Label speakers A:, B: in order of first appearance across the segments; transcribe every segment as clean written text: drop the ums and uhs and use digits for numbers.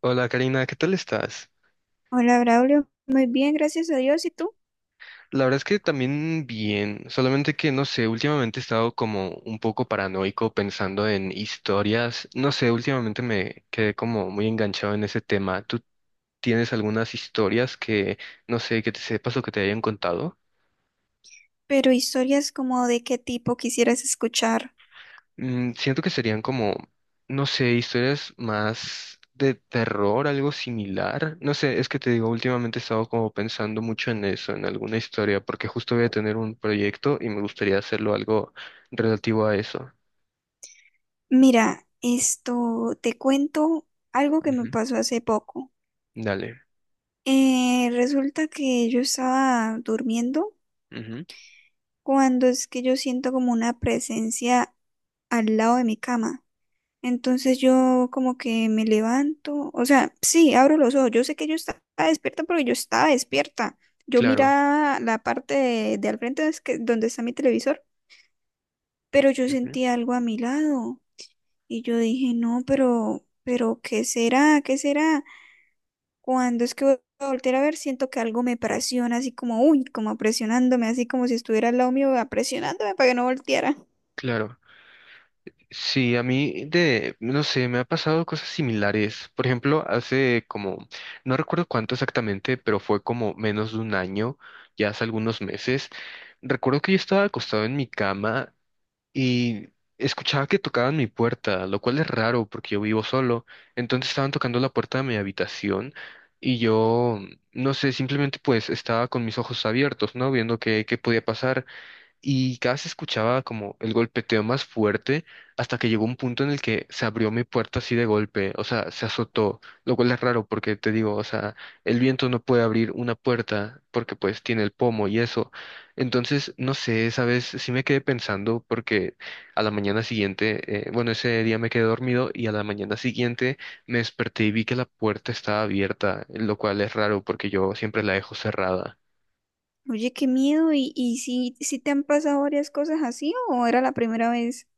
A: Hola Karina, ¿qué tal estás?
B: Hola, Braulio. Muy bien, gracias a Dios. ¿Y tú?
A: La verdad es que también bien, solamente que no sé, últimamente he estado como un poco paranoico pensando en historias, no sé, últimamente me quedé como muy enganchado en ese tema. ¿Tú tienes algunas historias que, no sé, que te sepas o que te hayan contado?
B: Pero historias como de qué tipo quisieras escuchar.
A: Siento que serían como, no sé, historias más de terror, algo similar. No sé, es que te digo, últimamente he estado como pensando mucho en eso, en alguna historia, porque justo voy a tener un proyecto y me gustaría hacerlo algo relativo a eso.
B: Mira, esto te cuento algo que me
A: Ujú.
B: pasó hace poco.
A: Dale.
B: Resulta que yo estaba durmiendo
A: Ujú.
B: cuando es que yo siento como una presencia al lado de mi cama. Entonces yo como que me levanto, o sea, sí, abro los ojos. Yo sé que yo estaba despierta porque yo estaba despierta. Yo
A: Claro.
B: miraba la parte de al frente donde está mi televisor, pero yo
A: Ujú.
B: sentí algo a mi lado y yo dije, no, pero, ¿qué será? ¿Qué será? Cuando es que voy a voltear a ver, siento que algo me presiona, así como, uy, como presionándome, así como si estuviera al lado mío, ah, presionándome para que no volteara.
A: Claro. Sí, a mí de, no sé, me ha pasado cosas similares. Por ejemplo, hace como, no recuerdo cuánto exactamente, pero fue como menos de un año, ya hace algunos meses. Recuerdo que yo estaba acostado en mi cama y escuchaba que tocaban mi puerta, lo cual es raro porque yo vivo solo. Entonces estaban tocando la puerta de mi habitación y yo, no sé, simplemente pues estaba con mis ojos abiertos, ¿no? Viendo qué, qué podía pasar y cada vez escuchaba como el golpeteo más fuerte hasta que llegó un punto en el que se abrió mi puerta así de golpe, o sea, se azotó, lo cual es raro porque te digo, o sea, el viento no puede abrir una puerta porque pues tiene el pomo y eso. Entonces, no sé, esa vez sí me quedé pensando porque a la mañana siguiente, bueno, ese día me quedé dormido y a la mañana siguiente me desperté y vi que la puerta estaba abierta, lo cual es raro porque yo siempre la dejo cerrada.
B: Oye, qué miedo, y si te han pasado varias cosas así o era la primera vez?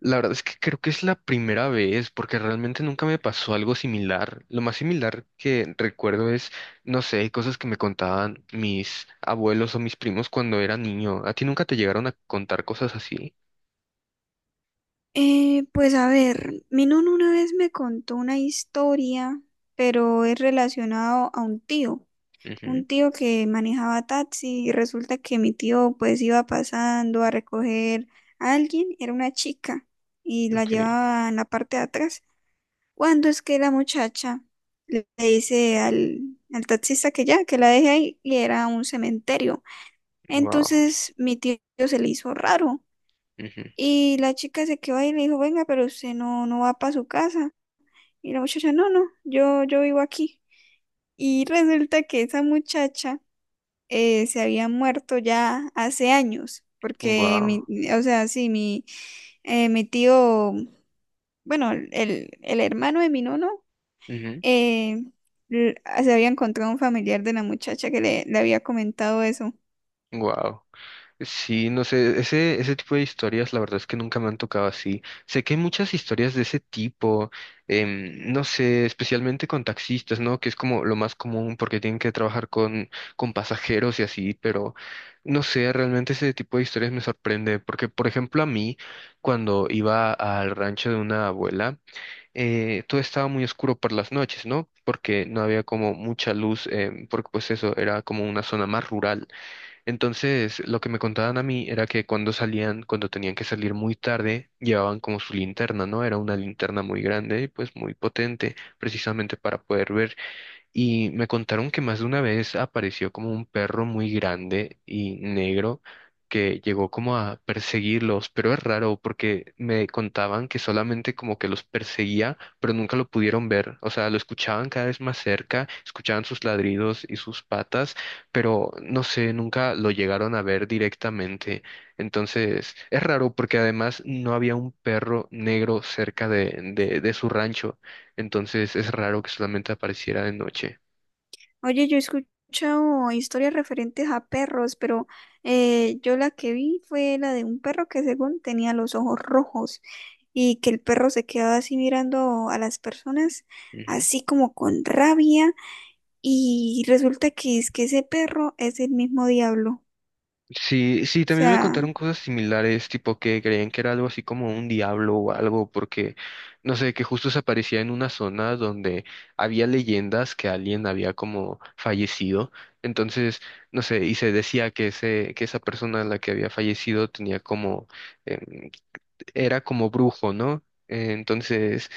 A: La verdad es que creo que es la primera vez, porque realmente nunca me pasó algo similar. Lo más similar que recuerdo es, no sé, cosas que me contaban mis abuelos o mis primos cuando era niño. ¿A ti nunca te llegaron a contar cosas así?
B: Pues a ver, mi nona una vez me contó una historia, pero es relacionado a un tío.
A: Ujú.
B: Un tío que manejaba taxi y resulta que mi tío pues iba pasando a recoger a alguien, era una chica y la
A: Ok.
B: llevaba en la parte de atrás. Cuando es que la muchacha le dice al taxista que ya, que la deje ahí, y era un cementerio.
A: Wow.
B: Entonces mi tío se le hizo raro y la chica se quedó ahí y le dijo, venga, pero usted no, no va para su casa. Y la muchacha, no, no, yo vivo aquí. Y resulta que esa muchacha se había muerto ya hace años, porque
A: Wow.
B: o sea, sí, mi tío, bueno, el hermano de mi nono, eh, l- se había encontrado un familiar de la muchacha que le había comentado eso.
A: Wow. Sí, no sé, ese tipo de historias, la verdad es que nunca me han tocado así. Sé que hay muchas historias de ese tipo, no sé, especialmente con taxistas, ¿no? Que es como lo más común porque tienen que trabajar con pasajeros y así, pero no sé, realmente ese tipo de historias me sorprende porque, por ejemplo, a mí, cuando iba al rancho de una abuela, todo estaba muy oscuro por las noches, ¿no? Porque no había como mucha luz, porque pues eso era como una zona más rural. Entonces, lo que me contaban a mí era que cuando salían, cuando tenían que salir muy tarde, llevaban como su linterna, ¿no? Era una linterna muy grande y pues muy potente, precisamente para poder ver. Y me contaron que más de una vez apareció como un perro muy grande y negro que llegó como a perseguirlos, pero es raro porque me contaban que solamente como que los perseguía, pero nunca lo pudieron ver. O sea, lo escuchaban cada vez más cerca, escuchaban sus ladridos y sus patas, pero no sé, nunca lo llegaron a ver directamente. Entonces, es raro porque además no había un perro negro cerca de, de su rancho, entonces es raro que solamente apareciera de noche.
B: Oye, yo he escuchado historias referentes a perros, pero yo la que vi fue la de un perro que según tenía los ojos rojos y que el perro se quedaba así mirando a las personas,
A: Ujú.
B: así como con rabia. Y resulta que es que ese perro es el mismo diablo.
A: Sí, sí,
B: O
A: también me
B: sea,
A: contaron cosas similares, tipo que creían que era algo así como un diablo o algo, porque no sé, que justo se aparecía en una zona donde había leyendas que alguien había como fallecido. Entonces, no sé, y se decía que ese, que esa persona a la que había fallecido tenía como, em, era como brujo, ¿no? Entonces,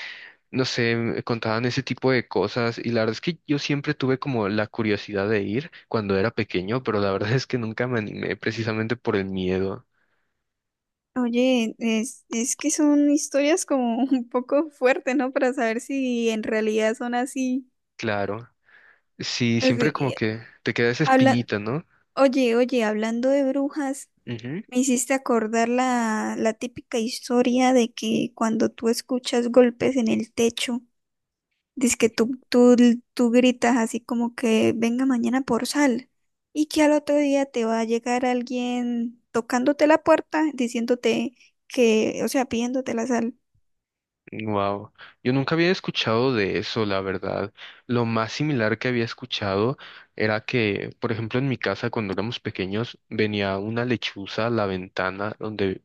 A: no sé, me contaban ese tipo de cosas y la verdad es que yo siempre tuve como la curiosidad de ir cuando era pequeño, pero la verdad es que nunca me animé precisamente por el miedo.
B: oye, es que son historias como un poco fuertes, ¿no? Para saber si en realidad son así.
A: Claro, sí,
B: Pues,
A: siempre como que te queda esa
B: habla,
A: espinita, ¿no?
B: oye, oye, hablando de brujas,
A: Ujú.
B: me hiciste acordar la típica historia de que cuando tú escuchas golpes en el techo. Dice que tú gritas así como que venga mañana por sal y que al otro día te va a llegar alguien tocándote la puerta diciéndote que, o sea, pidiéndote la sal,
A: Wow, yo nunca había escuchado de eso, la verdad. Lo más similar que había escuchado era que, por ejemplo, en mi casa cuando éramos pequeños venía una lechuza a la ventana donde,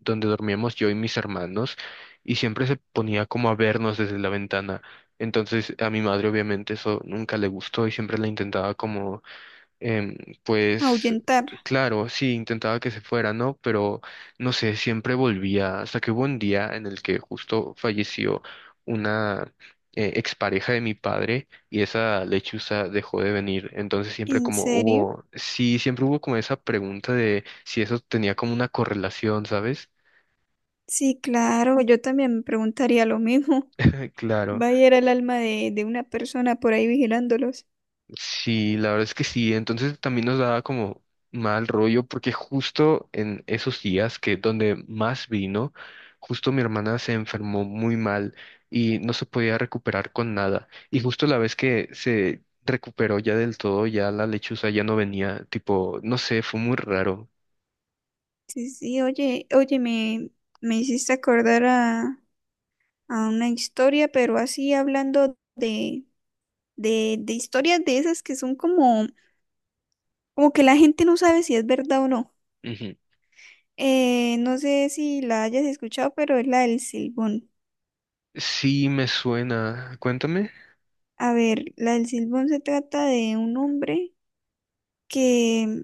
A: donde dormíamos yo y mis hermanos y siempre se ponía como a vernos desde la ventana. Entonces a mi madre obviamente eso nunca le gustó y siempre la intentaba como em, pues
B: ahuyentar.
A: claro, sí, intentaba que se fuera, ¿no? Pero no sé, siempre volvía, hasta que hubo un día en el que justo falleció una expareja de mi padre y esa lechuza dejó de venir. Entonces siempre
B: ¿En
A: como
B: serio?
A: hubo, sí, siempre hubo como esa pregunta de si eso tenía como una correlación, ¿sabes?
B: Sí, claro, yo también me preguntaría lo mismo.
A: Claro.
B: Va a ir el alma de una persona por ahí vigilándolos.
A: Sí, la verdad es que sí. Entonces también nos daba como mal rollo porque justo en esos días que donde más vino, justo mi hermana se enfermó muy mal y no se podía recuperar con nada. Y justo la vez que se recuperó ya del todo, ya la lechuza ya no venía, tipo, no sé, fue muy raro.
B: Sí, sí, oye, oye, me hiciste acordar a una historia, pero así hablando de historias de esas que son como. Como que la gente no sabe si es verdad o no.
A: Ujú.
B: No sé si la hayas escuchado, pero es la del silbón.
A: Sí, me suena. Cuéntame.
B: A ver, la del silbón se trata de un hombre que,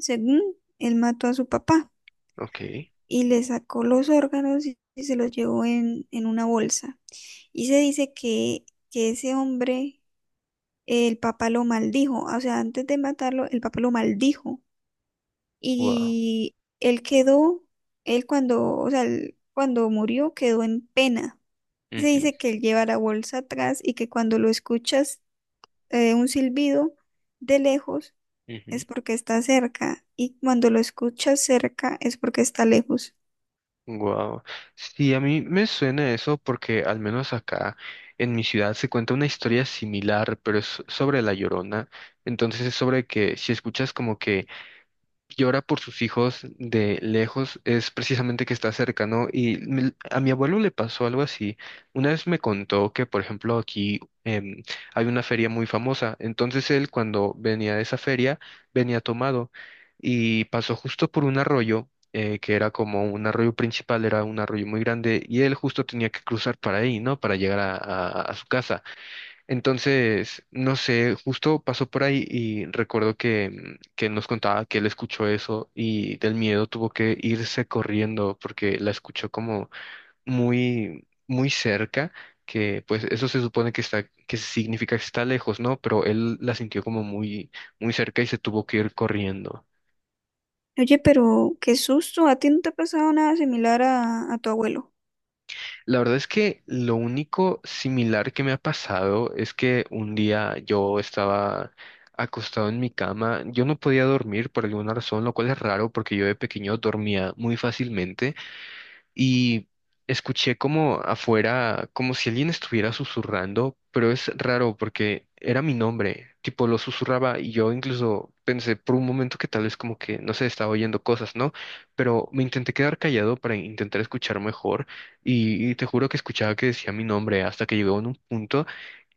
B: según él mató a su papá
A: Ok.
B: y le sacó los órganos y se los llevó en una bolsa. Y se dice que ese hombre, el papá lo maldijo. O sea, antes de matarlo, el papá lo maldijo.
A: Wow.
B: Y él quedó, él cuando, o sea, él cuando murió quedó en pena. Se dice que él lleva la bolsa atrás y que cuando lo escuchas un silbido de lejos, es porque está cerca, y cuando lo escuchas cerca es porque está lejos.
A: Wow. Sí, a mí me suena eso porque al menos acá en mi ciudad se cuenta una historia similar, pero es sobre la Llorona. Entonces es sobre que si escuchas como que llora por sus hijos de lejos es precisamente que está cerca, ¿no? Y me- a mi abuelo le pasó algo así. Una vez me contó que, por ejemplo, aquí hay una feria muy famosa. Entonces él, cuando venía de esa feria, venía tomado y pasó justo por un arroyo. Que era como un arroyo principal, era un arroyo muy grande y él justo tenía que cruzar para ahí, ¿no? Para llegar a su casa. Entonces, no sé, justo pasó por ahí y recuerdo que, que nos contaba que él escuchó eso y del miedo tuvo que irse corriendo porque la escuchó como muy, muy cerca, que pues eso se supone que está, que significa que está lejos, ¿no? Pero él la sintió como muy, muy cerca y se tuvo que ir corriendo.
B: Oye, pero qué susto, ¿a ti no te ha pasado nada similar a tu abuelo?
A: La verdad es que lo único similar que me ha pasado es que un día yo estaba acostado en mi cama, yo no podía dormir por alguna razón, lo cual es raro porque yo de pequeño dormía muy fácilmente y escuché como afuera, como si alguien estuviera susurrando, pero es raro porque era mi nombre, tipo lo susurraba y yo incluso pensé por un momento que tal vez como que, no sé, estaba oyendo cosas, ¿no? Pero me intenté quedar callado para intentar escuchar mejor y te juro que escuchaba que decía mi nombre hasta que llegó en un punto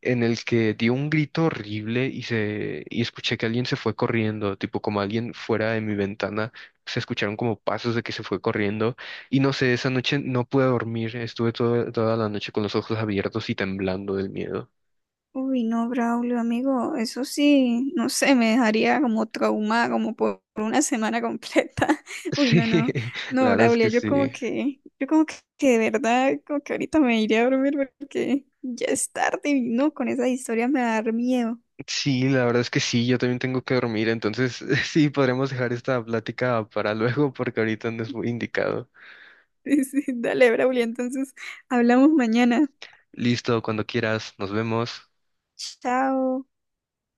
A: en el que dio un grito horrible y se y escuché que alguien se fue corriendo, tipo como alguien fuera de mi ventana, se escucharon como pasos de que se fue corriendo y no sé, esa noche no pude dormir, estuve toda la noche con los ojos abiertos y temblando del miedo.
B: Uy, no, Braulio, amigo, eso sí, no sé, me dejaría como traumada, como por una semana completa. Uy,
A: Sí,
B: no, no,
A: la
B: no,
A: verdad es
B: Braulio,
A: que sí.
B: yo como que de verdad, como que ahorita me iré a dormir porque ya es tarde y no, con esa historia me va a dar miedo.
A: Sí, la verdad es que sí, yo también tengo que dormir, entonces sí, podremos dejar esta plática para luego porque ahorita no es muy indicado.
B: Sí, sí, dale, Braulio, entonces hablamos mañana.
A: Listo, cuando quieras, nos vemos.
B: Chao.